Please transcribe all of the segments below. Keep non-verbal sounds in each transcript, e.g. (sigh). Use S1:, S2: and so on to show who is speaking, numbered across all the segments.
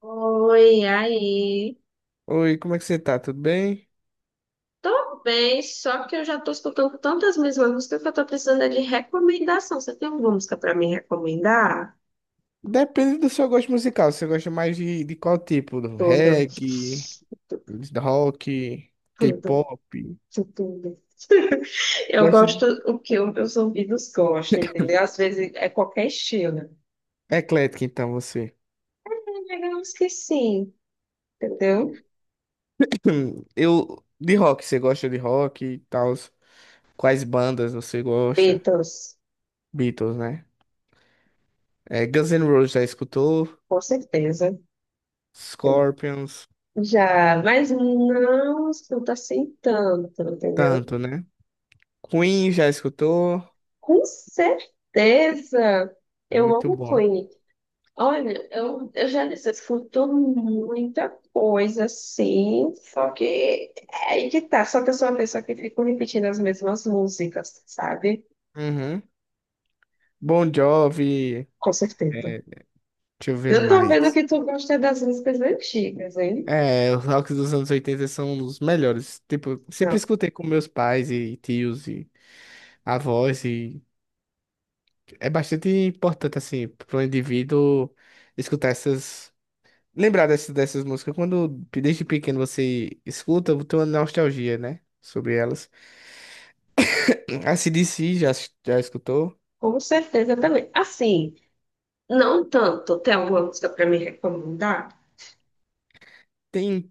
S1: Oi, aí.
S2: Oi, como é que você tá? Tudo bem?
S1: Tô bem, só que eu já tô escutando tantas mesmas músicas que eu tô precisando é de recomendação. Você tem alguma música pra me recomendar?
S2: Depende do seu gosto musical. Você gosta mais de qual tipo? Do
S1: Toda.
S2: Reggae, rock,
S1: Tudo, tudo.
S2: K-pop?
S1: Eu
S2: Gosta de...
S1: gosto o que os meus ouvidos gostam, entendeu? Às vezes é qualquer estilo.
S2: É eclético, então, você.
S1: Digamos que sim, entendeu?
S2: (clears throat) De rock, você gosta de rock e tal? Quais bandas você gosta?
S1: Beatles,
S2: Beatles, né? É, Guns N' Roses já escutou?
S1: com certeza.
S2: Scorpions,
S1: Já, mas não escuta assim tanto, entendeu?
S2: tanto, né? Queen já escutou?
S1: Com certeza.
S2: É
S1: Eu
S2: muito
S1: amo
S2: bom.
S1: Queen. Olha, eu já disse, eu escuto muita coisa assim, só que é aí que tá, só que eu sou uma pessoa que fico repetindo as mesmas músicas, sabe?
S2: Uhum. Bon Jovi,
S1: Com certeza.
S2: é, deixa eu ver
S1: Eu tô vendo
S2: mais.
S1: que tu gosta das músicas antigas, hein?
S2: É, os rocks dos anos 80 são os melhores. Tipo, sempre
S1: Não,
S2: escutei com meus pais e tios e avós e é bastante importante assim para o indivíduo escutar essas, lembrar dessas músicas. Quando desde pequeno você escuta, tem uma nostalgia, né, sobre elas. A C D C já escutou?
S1: com certeza também. Assim, não tanto. Tem alguma música pra me recomendar?
S2: Tem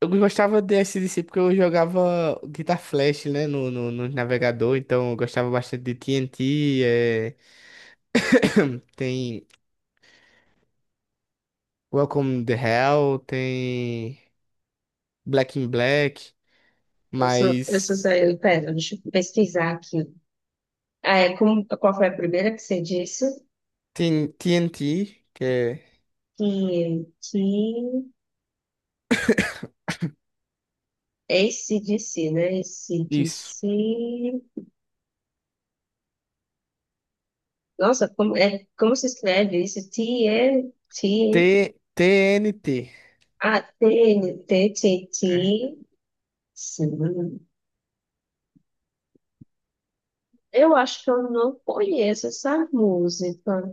S2: eu gostava de D C porque eu jogava Guitar Flash, né, no navegador, então eu gostava bastante de T TNT, (coughs) (clears throat) tem Welcome the Hell, tem Black in Black,
S1: Eu sou
S2: mas
S1: Zé, pera, deixa eu pesquisar aqui. Ah, é, como, qual foi a primeira que você disse?
S2: tem TNT, que é.
S1: Que, que... AC/DC, né?
S2: Isso.
S1: AC/DC. Nossa, como, é, como se escreve isso? T e
S2: T
S1: t,
S2: TNT.
S1: A T-N-T-T-T. Sim. Eu acho que eu não conheço essa música.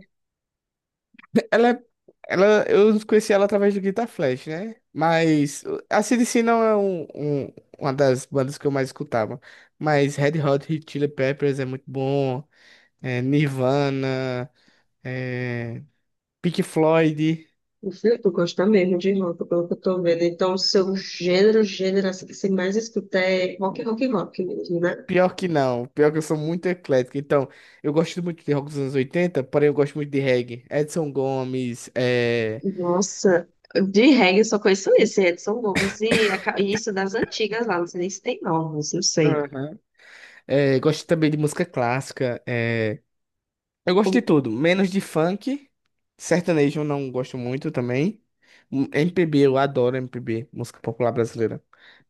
S2: Ela, é- ela, eu conheci ela através do Guitar Flash, né? Mas a CDC não é uma das bandas que eu mais escutava. Mas Red Hot Chili Peppers é muito bom, é Nirvana, é Pink Floyd.
S1: O filho, tu gosta mesmo de rock, pelo que eu tô vendo. Então, o seu gênero assim, que você mais escuta é rock mesmo, né?
S2: Pior que não. Pior que eu sou muito eclético. Então, eu gosto muito de rock dos anos 80, porém eu gosto muito de reggae. Edson Gomes,
S1: Nossa, de reggae eu só conheço esse, Edson Gomes. E a ca- e isso das antigas lá, não sei nem se tem novos, não sei.
S2: Aham. É, gosto também de música clássica. É, eu gosto de tudo, menos de funk. Sertanejo eu não gosto muito também. MPB, eu adoro MPB, música popular brasileira.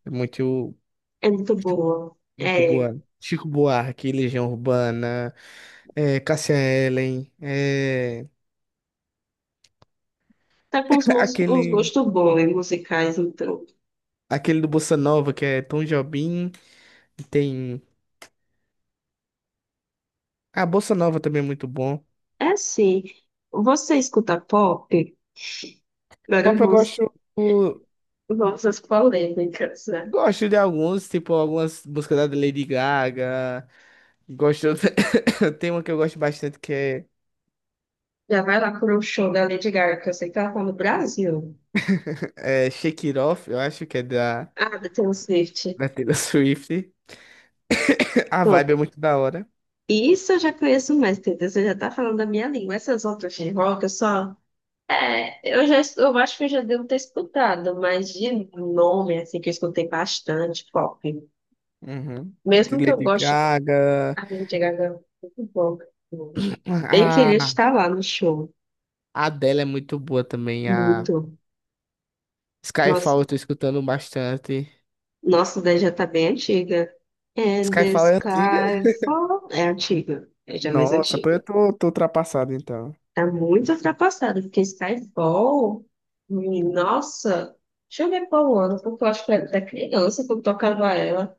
S2: É muito,
S1: É muito boa.
S2: muito
S1: É,
S2: boa. Chico Buarque, Legião Urbana, Cássia Eller,
S1: tá com uns,
S2: (laughs)
S1: mos- uns
S2: aquele,
S1: gostos bons em musicais, então.
S2: aquele do Bossa Nova que é Tom Jobim. Tem. A Bossa Nova também é muito bom.
S1: É assim, você escuta pop? Agora
S2: Pop eu
S1: vamos,
S2: gosto.
S1: vamos às polêmicas, né?
S2: Gosto de alguns, tipo algumas músicas da Lady Gaga. Gosto. (coughs) Tem uma que eu gosto bastante que é,
S1: Já vai lá para o show da Lady Gaga, que eu sei que ela tá no Brasil.
S2: é Shake It Off, eu acho que é da,
S1: Ah, da Taylor Swift.
S2: da Taylor (laughs) Swift. A vibe é
S1: Pronto.
S2: muito da hora.
S1: Isso eu já conheço mais, entendeu? Você já tá falando da minha língua. Essas outras de rock, eu só... É, eu já, eu acho que eu já devo ter escutado, mas de nome, assim, que eu escutei bastante pop.
S2: Uhum. De
S1: Mesmo que eu
S2: Lady
S1: goste.
S2: Gaga.
S1: A Lady Gaga é muito bom. Bem
S2: A,
S1: queria estar lá no show.
S2: a Adele é muito boa também. A
S1: Muito. Nossa,
S2: Skyfall eu tô escutando bastante.
S1: nossa daí já tá bem antiga. And the
S2: Skyfall é antiga?
S1: sky fall... É antiga. É já mais
S2: Nossa, pô, eu
S1: antiga.
S2: tô, tô ultrapassado então.
S1: Tá muito ultrapassada, porque Skyfall... Nossa... Deixa eu ver qual ano, porque eu acho que era da criança quando tocava ela.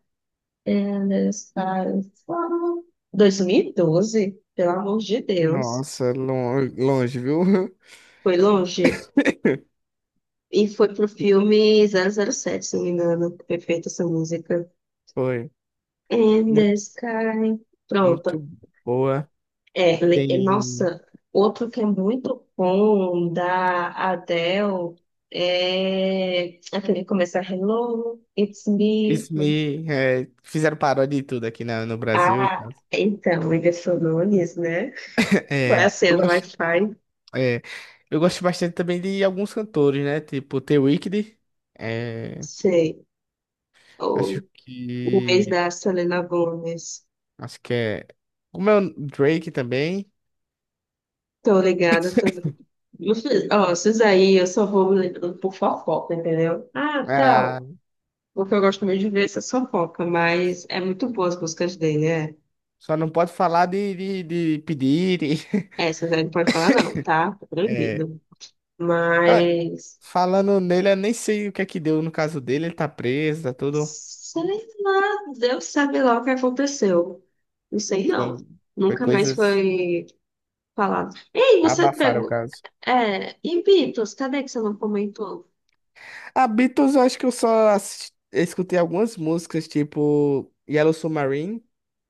S1: And the sky fall... 2012? Pelo amor de Deus.
S2: Nossa, longe, viu?
S1: Foi longe.
S2: (laughs)
S1: E foi pro filme 007, se não me engano. Perfeita essa música.
S2: Foi.
S1: And
S2: Muito,
S1: the sky. Pronto.
S2: muito boa.
S1: É, le- e,
S2: Tem.
S1: nossa, outro que é muito bom da Adele é aquele que começa Hello, it's me.
S2: Isso me. É, fizeram paródia de tudo aqui na, no Brasil e
S1: Ah,
S2: tal. (laughs)
S1: então, ele falou Nunes, né? Vai
S2: É,
S1: acendo Wi-Fi.
S2: é, eu gosto bastante também de alguns cantores, né? Tipo, The Weeknd. é,
S1: Sei.
S2: Acho
S1: O, o ex
S2: que.
S1: da Selena Gomez.
S2: Acho que é. Como é o Drake também.
S1: Tô ligada, tô. Não fiz- Ó, esses aí eu só vou lembrando por fofoca, entendeu? Ah,
S2: Ah,
S1: tal. Porque eu gosto muito de ver essa fofoca, mas é muito boa as músicas dele, é.
S2: só não pode falar de pedir. (laughs)
S1: Essas aí não pode falar, não, tá? Tá
S2: É,
S1: proibido.
S2: eu,
S1: Mas.
S2: Falando nele, eu nem sei o que é que deu no caso dele. Ele tá preso, tá tudo.
S1: Sei lá, Deus sabe lá o que aconteceu. Não sei, não.
S2: Foi, foi
S1: Nunca mais
S2: coisas.
S1: foi falado. Ei, você
S2: Abafaram o
S1: pegou.
S2: caso.
S1: É, e Beatles, cadê que você não comentou?
S2: A Beatles, eu acho que eu só escutei algumas músicas, tipo Yellow Submarine,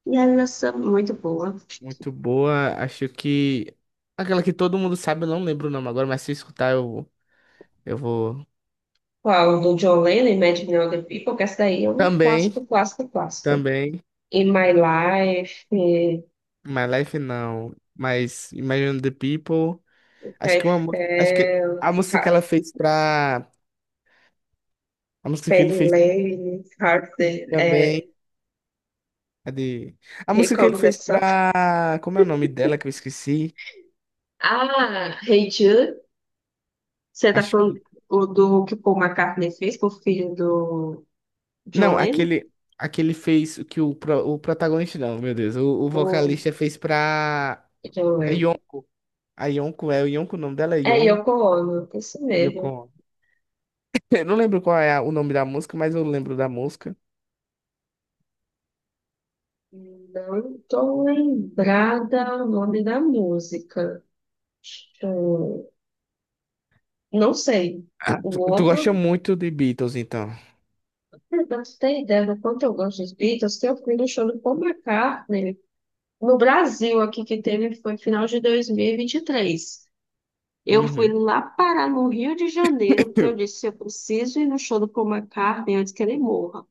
S1: E ela é muito boa.
S2: muito boa. Acho que. Aquela que todo mundo sabe, eu não lembro o nome agora, mas se eu escutar, eu vou.
S1: Qual? Do John Lennon, Imagine All the People, que essa daí é um
S2: Também,
S1: clássico.
S2: também.
S1: In My Life, eh,
S2: My Life não. Mas Imagine the People. Acho
S1: I
S2: que uma. Acho que
S1: Fell,
S2: a música que
S1: Ha-
S2: ela fez pra. A música que ele
S1: Penny
S2: fez.
S1: Lane, Heart, é,
S2: Também. Cadê? A
S1: Here
S2: música que ele
S1: Comes the
S2: fez
S1: Sun.
S2: pra. Como é o nome dela que eu esqueci?
S1: Ah, Hey Jude, você tá
S2: Acho que.
S1: falando o do que o Paul McCartney fez pro filho do John
S2: Não,
S1: Lennon?
S2: aquele. Aquele fez o que o protagonista, não, meu Deus. O
S1: O
S2: vocalista fez pra.
S1: John
S2: A
S1: Lennon.
S2: Yon... a Yonko, é o Yonko, o nome dela é
S1: É
S2: Yon...
S1: Yoko Ono, isso mesmo.
S2: Yoko. (laughs) Eu não lembro qual é o nome da música, mas eu lembro da música. (laughs)
S1: Não tô lembrada o nome da música. Deixa eu. Não sei.
S2: Ah, tu,
S1: O
S2: tu gosta
S1: Orban,
S2: muito de Beatles, então.
S1: pra você ter ideia do quanto eu gosto dos Beatles, eu fui no show do Paul McCartney no Brasil, aqui que teve foi final de 2023. Eu fui
S2: Uhum.
S1: lá parar no Rio de Janeiro, porque eu
S2: (laughs)
S1: disse, eu preciso ir no show do Paul McCartney antes que ele morra.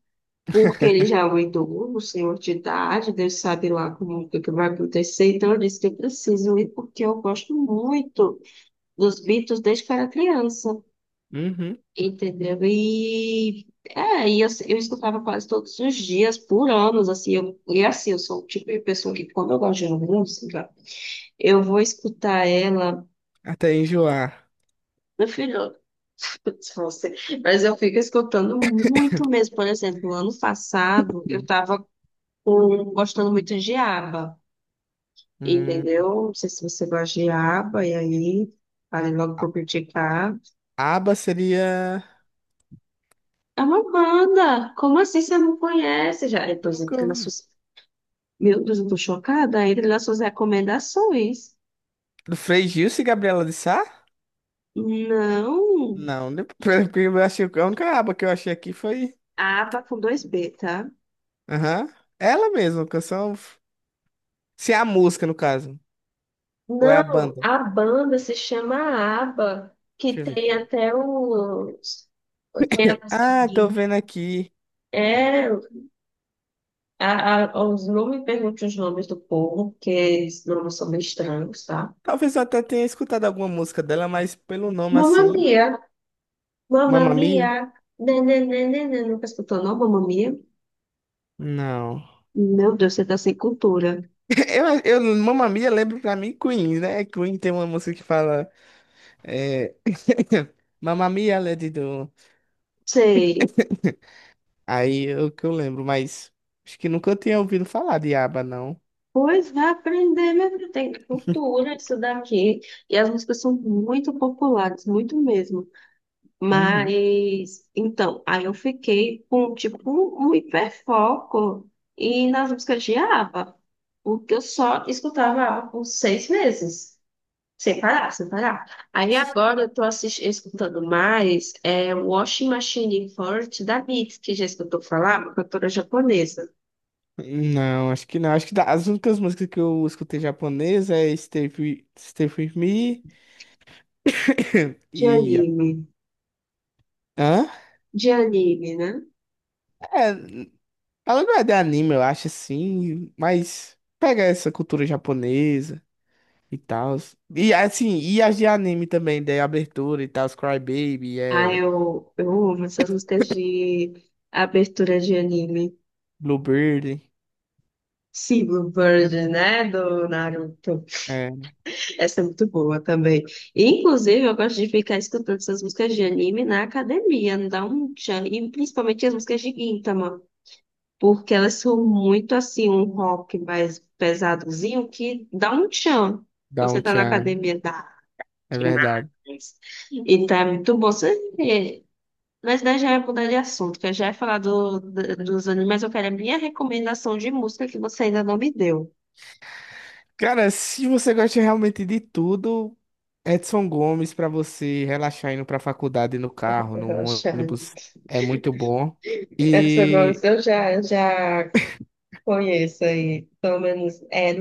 S1: Porque ele já é um idoso, um senhor de idade, Deus sabe lá como o que que vai acontecer. Então eu disse que eu preciso ir, porque eu gosto muito dos Beatles desde que eu era criança.
S2: Uhum.
S1: Entendeu? E eu escutava quase todos os dias, por anos, assim, eu, e assim, eu sou o tipo de pessoa que, quando eu gosto de uma música, eu vou escutar ela,
S2: Até enjoar.
S1: meu filho, (laughs) se fosse, mas eu fico escutando muito mesmo. Por exemplo, ano passado, eu
S2: Sim.
S1: tava gostando muito de ABBA,
S2: Hum.
S1: entendeu? Não sei se você gosta de ABBA, e aí, falei logo
S2: A-
S1: por criticar,
S2: ABBA seria.
S1: é uma banda, como assim você não conhece? Já, depois
S2: Nunca...
S1: entra na sua.
S2: ouvi.
S1: Meu Deus, eu tô chocada. Entre nas suas recomendações.
S2: Do Frei Gilson e Gabriela de Sá?
S1: Não.
S2: Não, depois, (laughs) porque eu achei, a única aba que eu achei aqui foi.
S1: Aba com dois B, tá?
S2: Aham. Ela mesma, canção. Se é a música, no caso. Ou é a
S1: Não,
S2: banda.
S1: a banda se chama ABBA, que
S2: Deixa eu ver
S1: tem
S2: aqui.
S1: até os. Tem a nossa
S2: Ah, tô
S1: gig.
S2: vendo aqui.
S1: É, os, não me pergunte os nomes do povo, porque esses nomes são meio estranhos, tá?
S2: Talvez eu até tenha escutado alguma música dela, mas pelo nome
S1: Mamma
S2: assim.
S1: Mia, Mamma
S2: Mamma Mia?
S1: Mia, nananana, nunca escutou, não? Mamma Mia?
S2: Não.
S1: Meu Deus, você tá sem cultura.
S2: (laughs) Mamma Mia lembra pra mim Queen, né? Queen tem uma música que fala. É... (laughs) Mamma Mia, Lady Do.
S1: Sei.
S2: (laughs) Aí é o que eu lembro, mas acho que nunca eu tinha ouvido falar de aba, não.
S1: Pois vai aprender, mesmo tem cultura isso daqui. E as músicas são muito populares, muito mesmo.
S2: Uhum.
S1: Mas, então, aí eu fiquei com, tipo, um hiperfoco e nas músicas de ABBA, porque eu só escutava ABBA por 6 meses, sem parar. Aí agora eu tô assistindo, escutando mais é, Washing Machine Forte da Mitski, que já escutou falar, uma cantora japonesa
S2: Não, acho que não. Acho que as únicas músicas que eu escutei japonesa é Stay With, Stay Free With Me (coughs)
S1: de
S2: e...
S1: anime,
S2: Hã?
S1: de anime, né?
S2: É, ela não é de anime, eu acho, assim, mas pega essa cultura japonesa e tal. E, assim, e as de anime também, de abertura e tal, Cry Baby,
S1: Ah,
S2: é
S1: eu amo essas músicas de abertura de anime.
S2: Bluebird,
S1: Silver Bird, né? Do Naruto.
S2: é
S1: Essa é muito boa também. E, inclusive, eu gosto de ficar escutando essas músicas de anime na academia, não dá um tchan. E principalmente as músicas de Gintama, porque elas são muito assim, um rock mais pesadozinho que dá um tchan. Você
S2: Down
S1: tá na
S2: Chan,
S1: academia, dá
S2: é
S1: demais.
S2: verdade.
S1: Então é muito bom. Você. Mas daí já é mudar de assunto, que eu já ia falar do, do- dos animes, mas eu quero a minha recomendação de música que você ainda não me deu.
S2: Cara, se você gosta realmente de tudo, Edson Gomes pra você relaxar indo pra faculdade no carro, no
S1: Relaxando.
S2: ônibus, é muito bom.
S1: Essa voz
S2: E
S1: eu já conheço aí. Pelo menos é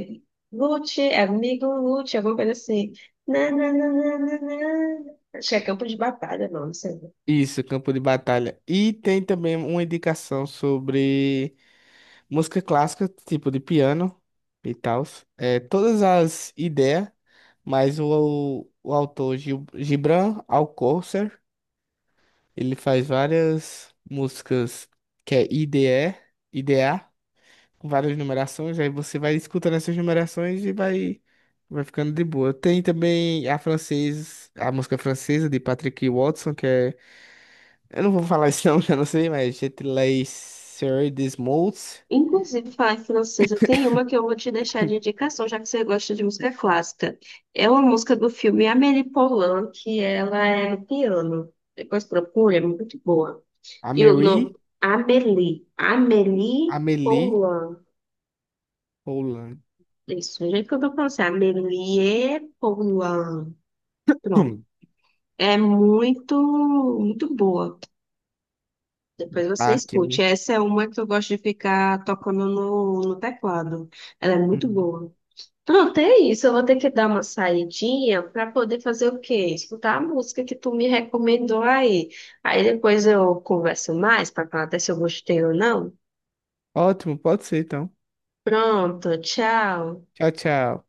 S1: Lute, é amigo Lute, alguma coisa assim. Na. Acho que é Campo de Batalha, não, não sei.
S2: isso, campo de batalha. E tem também uma indicação sobre música clássica, tipo de piano e tal. É, todas as ideias, mas o autor Gibran Alcocer, ele faz várias músicas que é IDE, IDA. Com várias numerações, aí você vai escutando essas numerações e vai ficando de boa. Tem também a francesa, a música francesa de Patrick Watson, que é. Eu não vou falar isso não, (laughs) que eu não sei, mas Je te laisserai des mots,
S1: Inclusive, falar em francesa, tem uma que eu vou te deixar de indicação, já que você gosta de música clássica. É uma música do filme Amélie Poulain, que ela é no piano. Depois procura, é muito boa. E o nome,
S2: Amélie,
S1: Amélie. Amélie
S2: Amélie
S1: Poulain.
S2: Poulain.
S1: Isso, o jeito que eu tô falando, assim, Amélie Poulain. Pronto.
S2: Hum,
S1: É muito, muito boa. Depois você
S2: Tá.
S1: escute. Essa é uma que eu gosto de ficar tocando no, no teclado. Ela é muito
S2: Hum.
S1: boa. Pronto, é isso. Eu vou ter que dar uma saidinha para poder fazer o quê? Escutar a música que tu me recomendou aí. Aí depois eu converso mais para falar até se eu gostei ou não.
S2: Ótimo, pode ser então.
S1: Pronto, tchau.
S2: Tchau, tchau.